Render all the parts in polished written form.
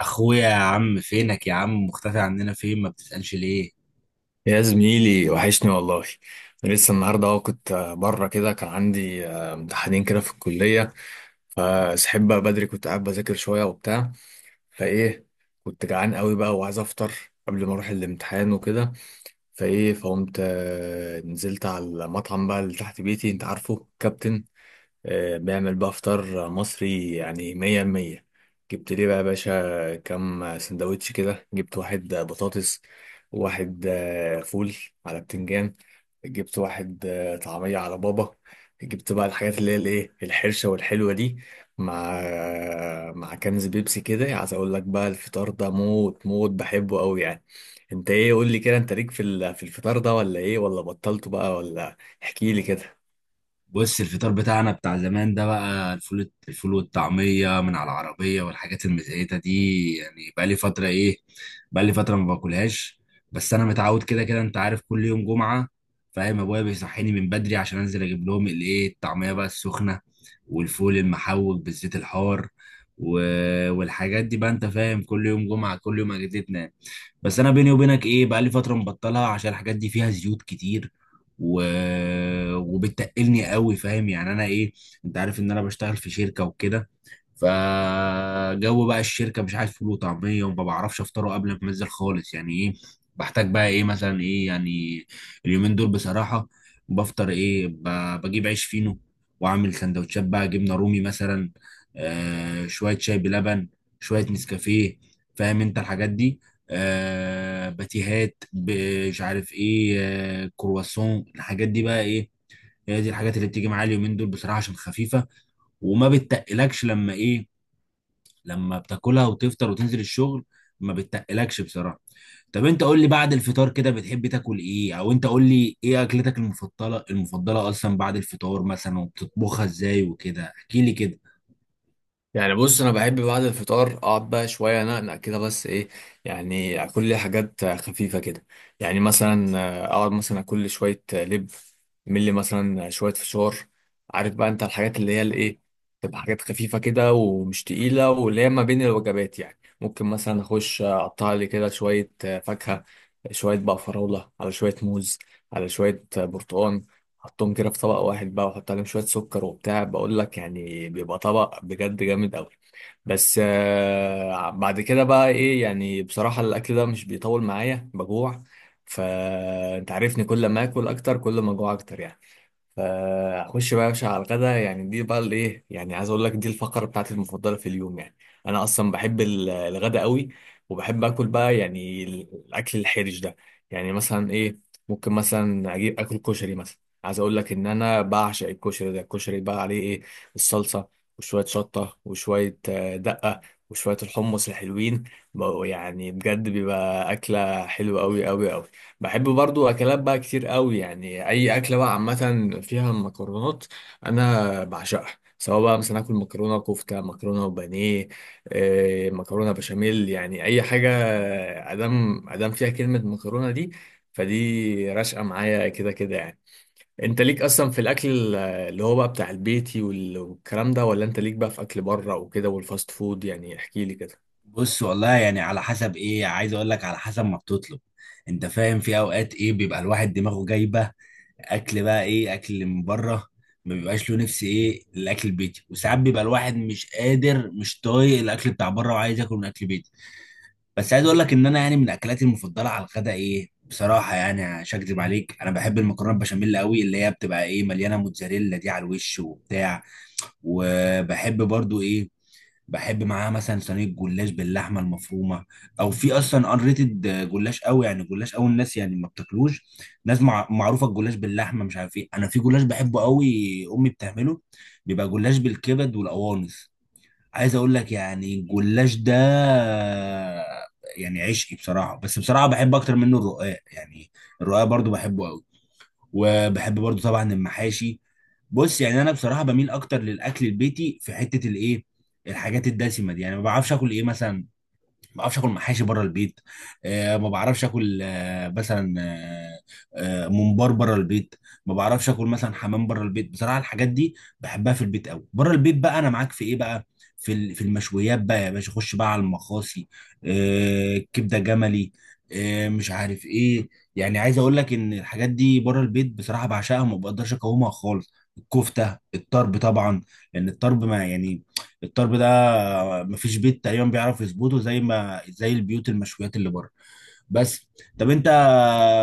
اخويا يا عم، فينك يا عم؟ مختفي عننا، فين؟ ما بتسألش ليه؟ يا زميلي وحشني والله. أنا لسه النهارده اهو كنت بره كده كان عندي امتحانين كده في الكليه. فسحب بقى بدري، كنت قاعد بذاكر شويه وبتاع. فايه، كنت جعان قوي بقى وعايز افطر قبل ما اروح الامتحان وكده. فايه، فقمت نزلت على المطعم بقى اللي تحت بيتي. انت عارفه كابتن، بيعمل بقى فطار مصري يعني مية المية. جبت ليه بقى يا باشا كام سندوتش كده، جبت واحد بطاطس، وواحد فول على بتنجان، جبت واحد طعمية على بابا، جبت بقى الحاجات اللي هي الايه، الحرشة والحلوة دي، مع مع كنز بيبسي كده. عايز اقول لك بقى الفطار ده موت موت، بحبه قوي يعني. انت ايه، قول لي كده، انت ليك في في الفطار ده ولا ايه؟ ولا بطلته بقى ولا؟ احكي لي كده. بص، الفطار بتاعنا بتاع زمان ده بقى الفول والطعمية من على العربية والحاجات المزيتة دي، يعني بقى لي فترة ايه، بقى لي فترة ما باكلهاش. بس انا متعود كده كده، انت عارف، كل يوم جمعة، فاهم؟ ابويا بيصحيني من بدري عشان انزل اجيب لهم الايه، الطعمية بقى السخنة والفول المحوج بالزيت الحار و... والحاجات دي بقى، انت فاهم، كل يوم جمعة، كل يوم اجدتنا. بس انا بيني وبينك ايه، بقى لي فترة مبطلها عشان الحاجات دي فيها زيوت كتير و... وبتقلني قوي، فاهم يعني انا ايه؟ انت عارف ان انا بشتغل في شركه وكده، فجو بقى الشركه مش عارف فول وطعميه، وما بعرفش افطره قبل ما انزل خالص، يعني ايه؟ بحتاج بقى ايه مثلا، ايه يعني، اليومين دول بصراحه بفطر ايه، بجيب عيش فينو واعمل سندوتشات بقى جبنه رومي مثلا، شويه شاي بلبن، شويه نسكافيه، فاهم انت الحاجات دي، باتيهات، مش عارف ايه، كرواسون، الحاجات دي بقى ايه. هي دي الحاجات اللي بتيجي معايا اليومين دول بصراحه، عشان خفيفه وما بتتقلكش لما ايه، لما بتاكلها وتفطر وتنزل الشغل، ما بتتقلكش بصراحه. طب انت قول لي، بعد الفطار كده بتحب تاكل ايه؟ او انت قول لي ايه اكلتك المفضله، المفضله اصلا بعد الفطار مثلا، وبتطبخها ازاي وكده، احكي لي كده. يعني بص، انا بحب بعد الفطار اقعد بقى شويه انقنق كده، بس ايه، يعني اكل لي حاجات خفيفه كده. يعني مثلا اقعد مثلا اكل لي شويه لب، اعمل لي مثلا شويه فشار. عارف بقى انت الحاجات اللي هي الايه، تبقى حاجات خفيفه كده ومش تقيله، واللي هي ما بين الوجبات يعني. ممكن مثلا اخش اقطع لي كده شويه فاكهه، شويه بقى فراوله على شويه موز على شويه برتقان، حطهم كده في طبق واحد بقى وحط عليهم شوية سكر وبتاع. بقول لك يعني بيبقى طبق بجد جامد قوي. بس آه بعد كده بقى ايه، يعني بصراحة الأكل ده مش بيطول معايا، بجوع. فأنت عارفني كل ما آكل أكتر كل ما أجوع أكتر يعني. فاخش بقى يا باشا على الغدا. يعني دي بقى الايه، يعني عايز اقول لك دي الفقره بتاعتي المفضله في اليوم يعني. انا اصلا بحب الغدا قوي، وبحب اكل بقى يعني الاكل الحرج ده. يعني مثلا ايه، ممكن مثلا اجيب اكل كشري مثلا. عايز اقول لك ان انا بعشق الكشري ده. الكشري بقى عليه ايه، الصلصه، وشويه شطه، وشويه دقه، وشويه الحمص الحلوين بقوا، يعني بجد بيبقى اكله حلوه قوي قوي قوي. بحب برضو اكلات بقى كتير قوي، يعني اي اكله بقى عامه فيها مكرونات انا بعشقها. سواء بقى مثلا اكل مكرونه كفته، مكرونه وبانيه، مكرونه بشاميل، يعني اي حاجه ادام ادام فيها كلمه مكرونه دي فدي راشقه معايا كده كده يعني. انت ليك اصلا في الاكل اللي هو بقى بتاع البيتي والكلام ده، ولا انت ليك بقى في اكل بره وكده والفاست فود؟ يعني احكي لي كده. بص والله، يعني على حسب ايه، عايز اقول لك على حسب ما بتطلب، انت فاهم، في اوقات ايه بيبقى الواحد دماغه جايبه اكل بقى ايه، اكل من بره، ما بيبقاش له نفس ايه الاكل البيتي، وساعات بيبقى الواحد مش قادر، مش طايق الاكل بتاع بره وعايز ياكل من اكل بيتي. بس عايز اقول لك ان انا يعني من اكلاتي المفضله على الغداء ايه بصراحه، يعني مش هكدب عليك، انا بحب المكرونه بشاميل قوي، اللي هي بتبقى ايه، مليانه موتزاريلا دي على الوش وبتاع. وبحب برضو ايه، بحب معاها مثلا صينيه جلاش باللحمه المفرومه. او في اصلا ان ريتد جلاش قوي، يعني جلاش قوي الناس يعني ما بتاكلوش، معروفه الجلاش باللحمه، مش عارف ايه. انا في جلاش بحبه قوي، امي بتعمله، بيبقى جلاش بالكبد والقوانص. عايز اقول لك يعني الجلاش ده يعني عشقي بصراحه، بس بصراحه بحب اكتر منه الرقاق يعني، الرقاق برضو بحبه قوي. وبحب برضو طبعا المحاشي. بص، يعني انا بصراحه بميل اكتر للاكل البيتي في حته الايه، الحاجات الدسمه دي، يعني ما بعرفش اكل ايه مثلا، ما بعرفش اكل محاشي بره البيت، ما بعرفش اكل مثلا، ممبار بره البيت، ما بعرفش اكل مثلا حمام بره البيت. بصراحه الحاجات دي بحبها في البيت قوي. بره البيت بقى انا معاك في ايه بقى، في في المشويات بقى يا باشا، خش بقى على المخاصي، كبده جملي، مش عارف ايه. يعني عايز اقول لك ان الحاجات دي بره البيت بصراحه بعشقها وما بقدرش اقاومها خالص. الكفته الطرب طبعا، لان الطرب ما يعني، الطرب ده مفيش بيت تقريبا بيعرف يظبطه، زي ما زي البيوت المشويات اللي بره. بس طب انت،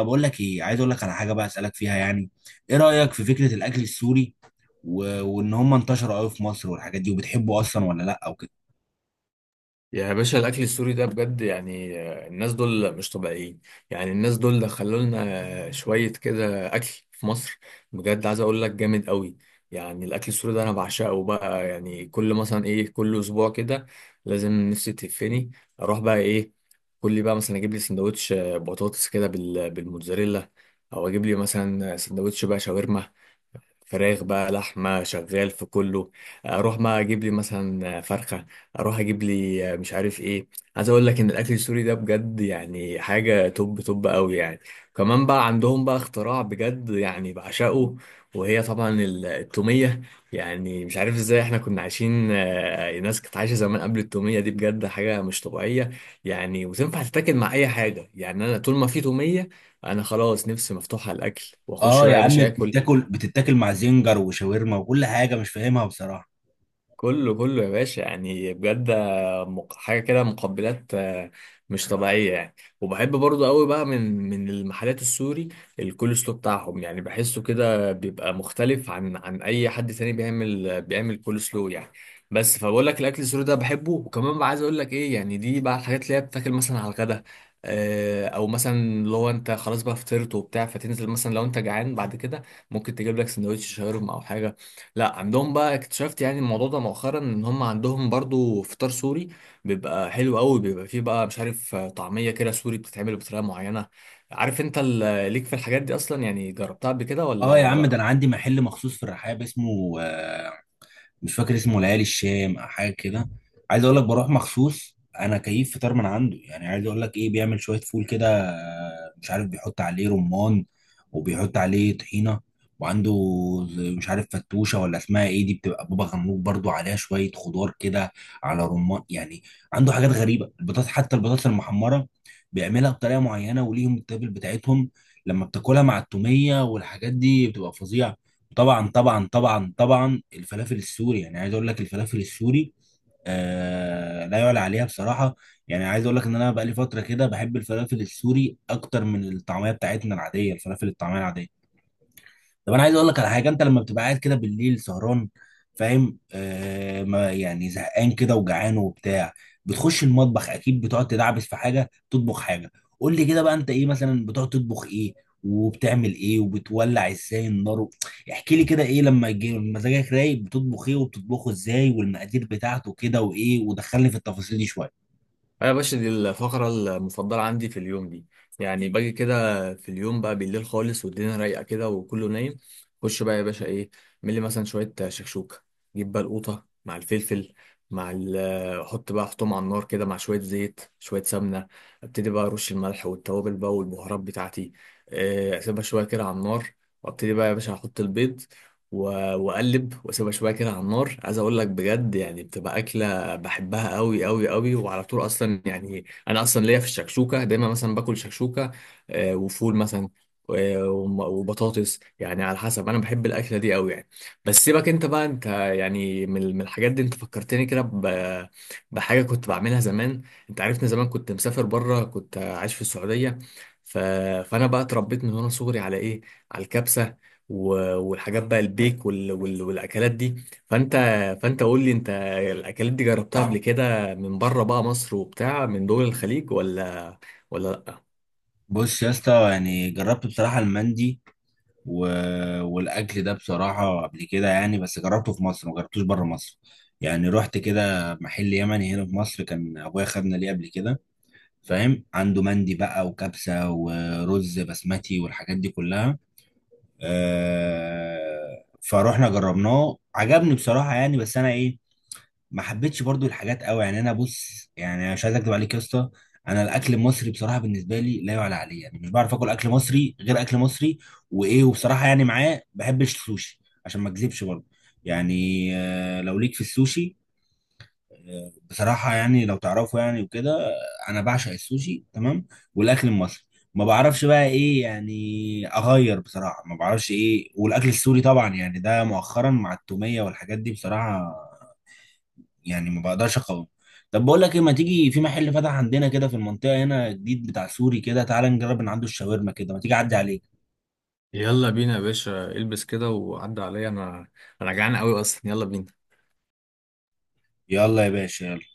بقول لك ايه، عايز اقول لك على حاجه بقى اسالك فيها يعني، ايه رايك في فكره الاكل السوري وان هم انتشروا قوي في مصر والحاجات دي، وبتحبه اصلا ولا لا او كده؟ يا باشا الاكل السوري ده بجد، يعني الناس دول مش طبيعيين. يعني الناس دول دخلوا لنا شويه كده اكل في مصر، بجد عايز اقول لك جامد قوي. يعني الاكل السوري ده انا بعشقه بقى. يعني كل مثلا ايه، كل اسبوع كده لازم نفسي تهفني، اروح بقى ايه، كل بقى مثلا اجيب لي سندوتش بطاطس كده بالموتزاريلا، او اجيب لي مثلا سندوتش بقى شاورما فراخ بقى لحمة شغال في كله، اروح بقى اجيب لي مثلا فرخة، اروح اجيب لي مش عارف ايه. عايز اقول لك ان الاكل السوري ده بجد يعني حاجة توب توب قوي يعني. كمان بقى عندهم بقى اختراع بجد يعني بعشقه، وهي طبعا التومية. يعني مش عارف ازاي احنا كنا عايشين، الناس كانت عايشة زمان قبل التومية دي، بجد حاجة مش طبيعية يعني. وتنفع تتاكل مع اي حاجة يعني. انا طول ما في تومية انا خلاص نفسي مفتوحة على الاكل، واخش اه بقى يا يا عم، باشا اكل. بتاكل بتتاكل مع زنجر وشاورما وكل حاجه، مش فاهمها بصراحه. كله كله يا باشا يعني بجد، حاجه كده مقبلات، مش طبيعيه يعني. وبحب برضو قوي بقى من المحلات السوري الكول سلو بتاعهم. يعني بحسه كده بيبقى مختلف عن اي حد تاني بيعمل كول سلو يعني. بس فبقول لك الاكل السوري ده بحبه. وكمان بقى عايز اقول لك ايه، يعني دي بقى الحاجات اللي هي بتاكل مثلا على الغدا، او مثلا لو انت خلاص بقى فطرت وبتاع فتنزل مثلا لو انت جعان بعد كده، ممكن تجيب لك سندوتش شاورما او حاجه. لا عندهم بقى اكتشفت يعني الموضوع ده مؤخرا ان هم عندهم برضو فطار سوري، بيبقى حلو قوي، بيبقى فيه بقى مش عارف طعمية كده سوري بتتعمل بطريقة معينة. عارف انت ليك في الحاجات دي اصلا، يعني جربتها قبل كده اه ولا يا عم، ده انا لا؟ عندي محل مخصوص في الرحاب، اسمه مش فاكر اسمه، ليالي الشام او حاجه كده. عايز اقول لك بروح مخصوص انا كيف فطار من عنده، يعني عايز اقول لك ايه، بيعمل شويه فول كده، مش عارف، بيحط عليه رمان وبيحط عليه طحينه، وعنده مش عارف، فتوشه ولا اسمها ايه دي، بتبقى بابا غنوج برضو عليها شويه خضار كده على رمان يعني. عنده حاجات غريبه، البطاطس، حتى البطاطس المحمره بيعملها بطريقه معينه، وليهم التابل بتاعتهم، لما بتاكلها مع التوميه والحاجات دي بتبقى فظيعه. طبعا طبعا طبعا طبعا، الفلافل السوري، يعني عايز اقول لك الفلافل السوري، آه لا يعلى عليها بصراحه. يعني عايز اقول لك ان انا بقالي فتره كده بحب الفلافل السوري اكتر من الطعميه بتاعتنا العاديه، الفلافل الطعميه العاديه. طب انا عايز اقول لك على حاجه، انت لما بتبقى قاعد كده بالليل سهران، فاهم، آه ما يعني زهقان كده وجعان وبتاع، بتخش المطبخ اكيد بتقعد تدعبس في حاجه، تطبخ حاجه. قول لي كده بقى، انت ايه مثلا بتقعد تطبخ ايه؟ وبتعمل ايه؟ وبتولع ازاي النار احكي لي كده، ايه لما يجي مزاجك رايق بتطبخ ايه، وبتطبخه ازاي، والمقادير بتاعته كده وايه؟ ودخلني في التفاصيل دي شويه. انا يا باشا دي الفقره المفضله عندي في اليوم دي. يعني باجي كده في اليوم بقى بالليل خالص والدنيا رايقه كده وكله نايم، خش بقى يا باشا ايه، ملي مثلا شويه شكشوكه. جيب بقى القوطه مع الفلفل، مع ال حط بقى احطهم على النار كده مع شويه زيت شويه سمنه. ابتدي بقى ارش الملح والتوابل بقى والبهارات بتاعتي. اسيبها شويه كده على النار، وابتدي بقى يا باشا احط البيض و- واقلب، واسيبها شويه كده على النار. عايز اقول لك بجد يعني بتبقى اكله بحبها قوي قوي قوي، وعلى طول اصلا. يعني انا اصلا ليا في الشكشوكه دايما، مثلا باكل شكشوكه وفول مثلا، وبطاطس، يعني على حسب. انا بحب الاكله دي قوي يعني. بس سيبك انت بقى، انت يعني من الحاجات دي انت فكرتني كده بحاجه كنت بعملها زمان. انت عارفني زمان كنت مسافر بره، كنت عايش في السعوديه، ف... فانا بقى اتربيت من وانا صغري على ايه، على الكبسه، والحاجات بقى البيك والاكلات دي. فانت فانت قول لي انت، الاكلات دي جربتها قبل كده من بره بقى مصر وبتاع من دول الخليج ولا لا؟ بص يا اسطى، يعني جربت بصراحه المندي و... والاكل ده بصراحه قبل كده يعني، بس جربته في مصر، ما جربتوش بره مصر. يعني رحت كده محل يمني هنا في مصر، كان ابويا خدنا ليه قبل كده، فاهم، عنده مندي بقى وكبسه ورز بسمتي والحاجات دي كلها. فروحنا جربناه، عجبني بصراحه يعني، بس انا ايه، ما حبيتش برضو الحاجات قوي. يعني انا بص، يعني مش عايز اكدب عليك يا اسطى، انا الاكل المصري بصراحه بالنسبه لي لا يعلى عليه، يعني مش بعرف اكل اكل مصري غير اكل مصري. وايه، وبصراحه يعني معاه بحبش السوشي، عشان ما اكذبش برضو يعني، لو ليك في السوشي بصراحه يعني لو تعرفه يعني وكده، انا بعشق السوشي تمام. والاكل المصري ما بعرفش بقى ايه يعني اغير بصراحه، ما بعرفش ايه، والاكل السوري طبعا يعني ده مؤخرا مع التوميه والحاجات دي، بصراحه يعني ما بقدرش اقاوم. طب بقول لك ايه، ما تيجي، في محل فتح عندنا كده في المنطقه هنا جديد بتاع سوري كده، تعالى نجرب من عنده الشاورما كده، ما تيجي اعدي عليك. يلا بينا يا باشا، البس كده وعدى عليا انا. انا جعان قوي اصلا، يلا بينا. يلا يا باشا.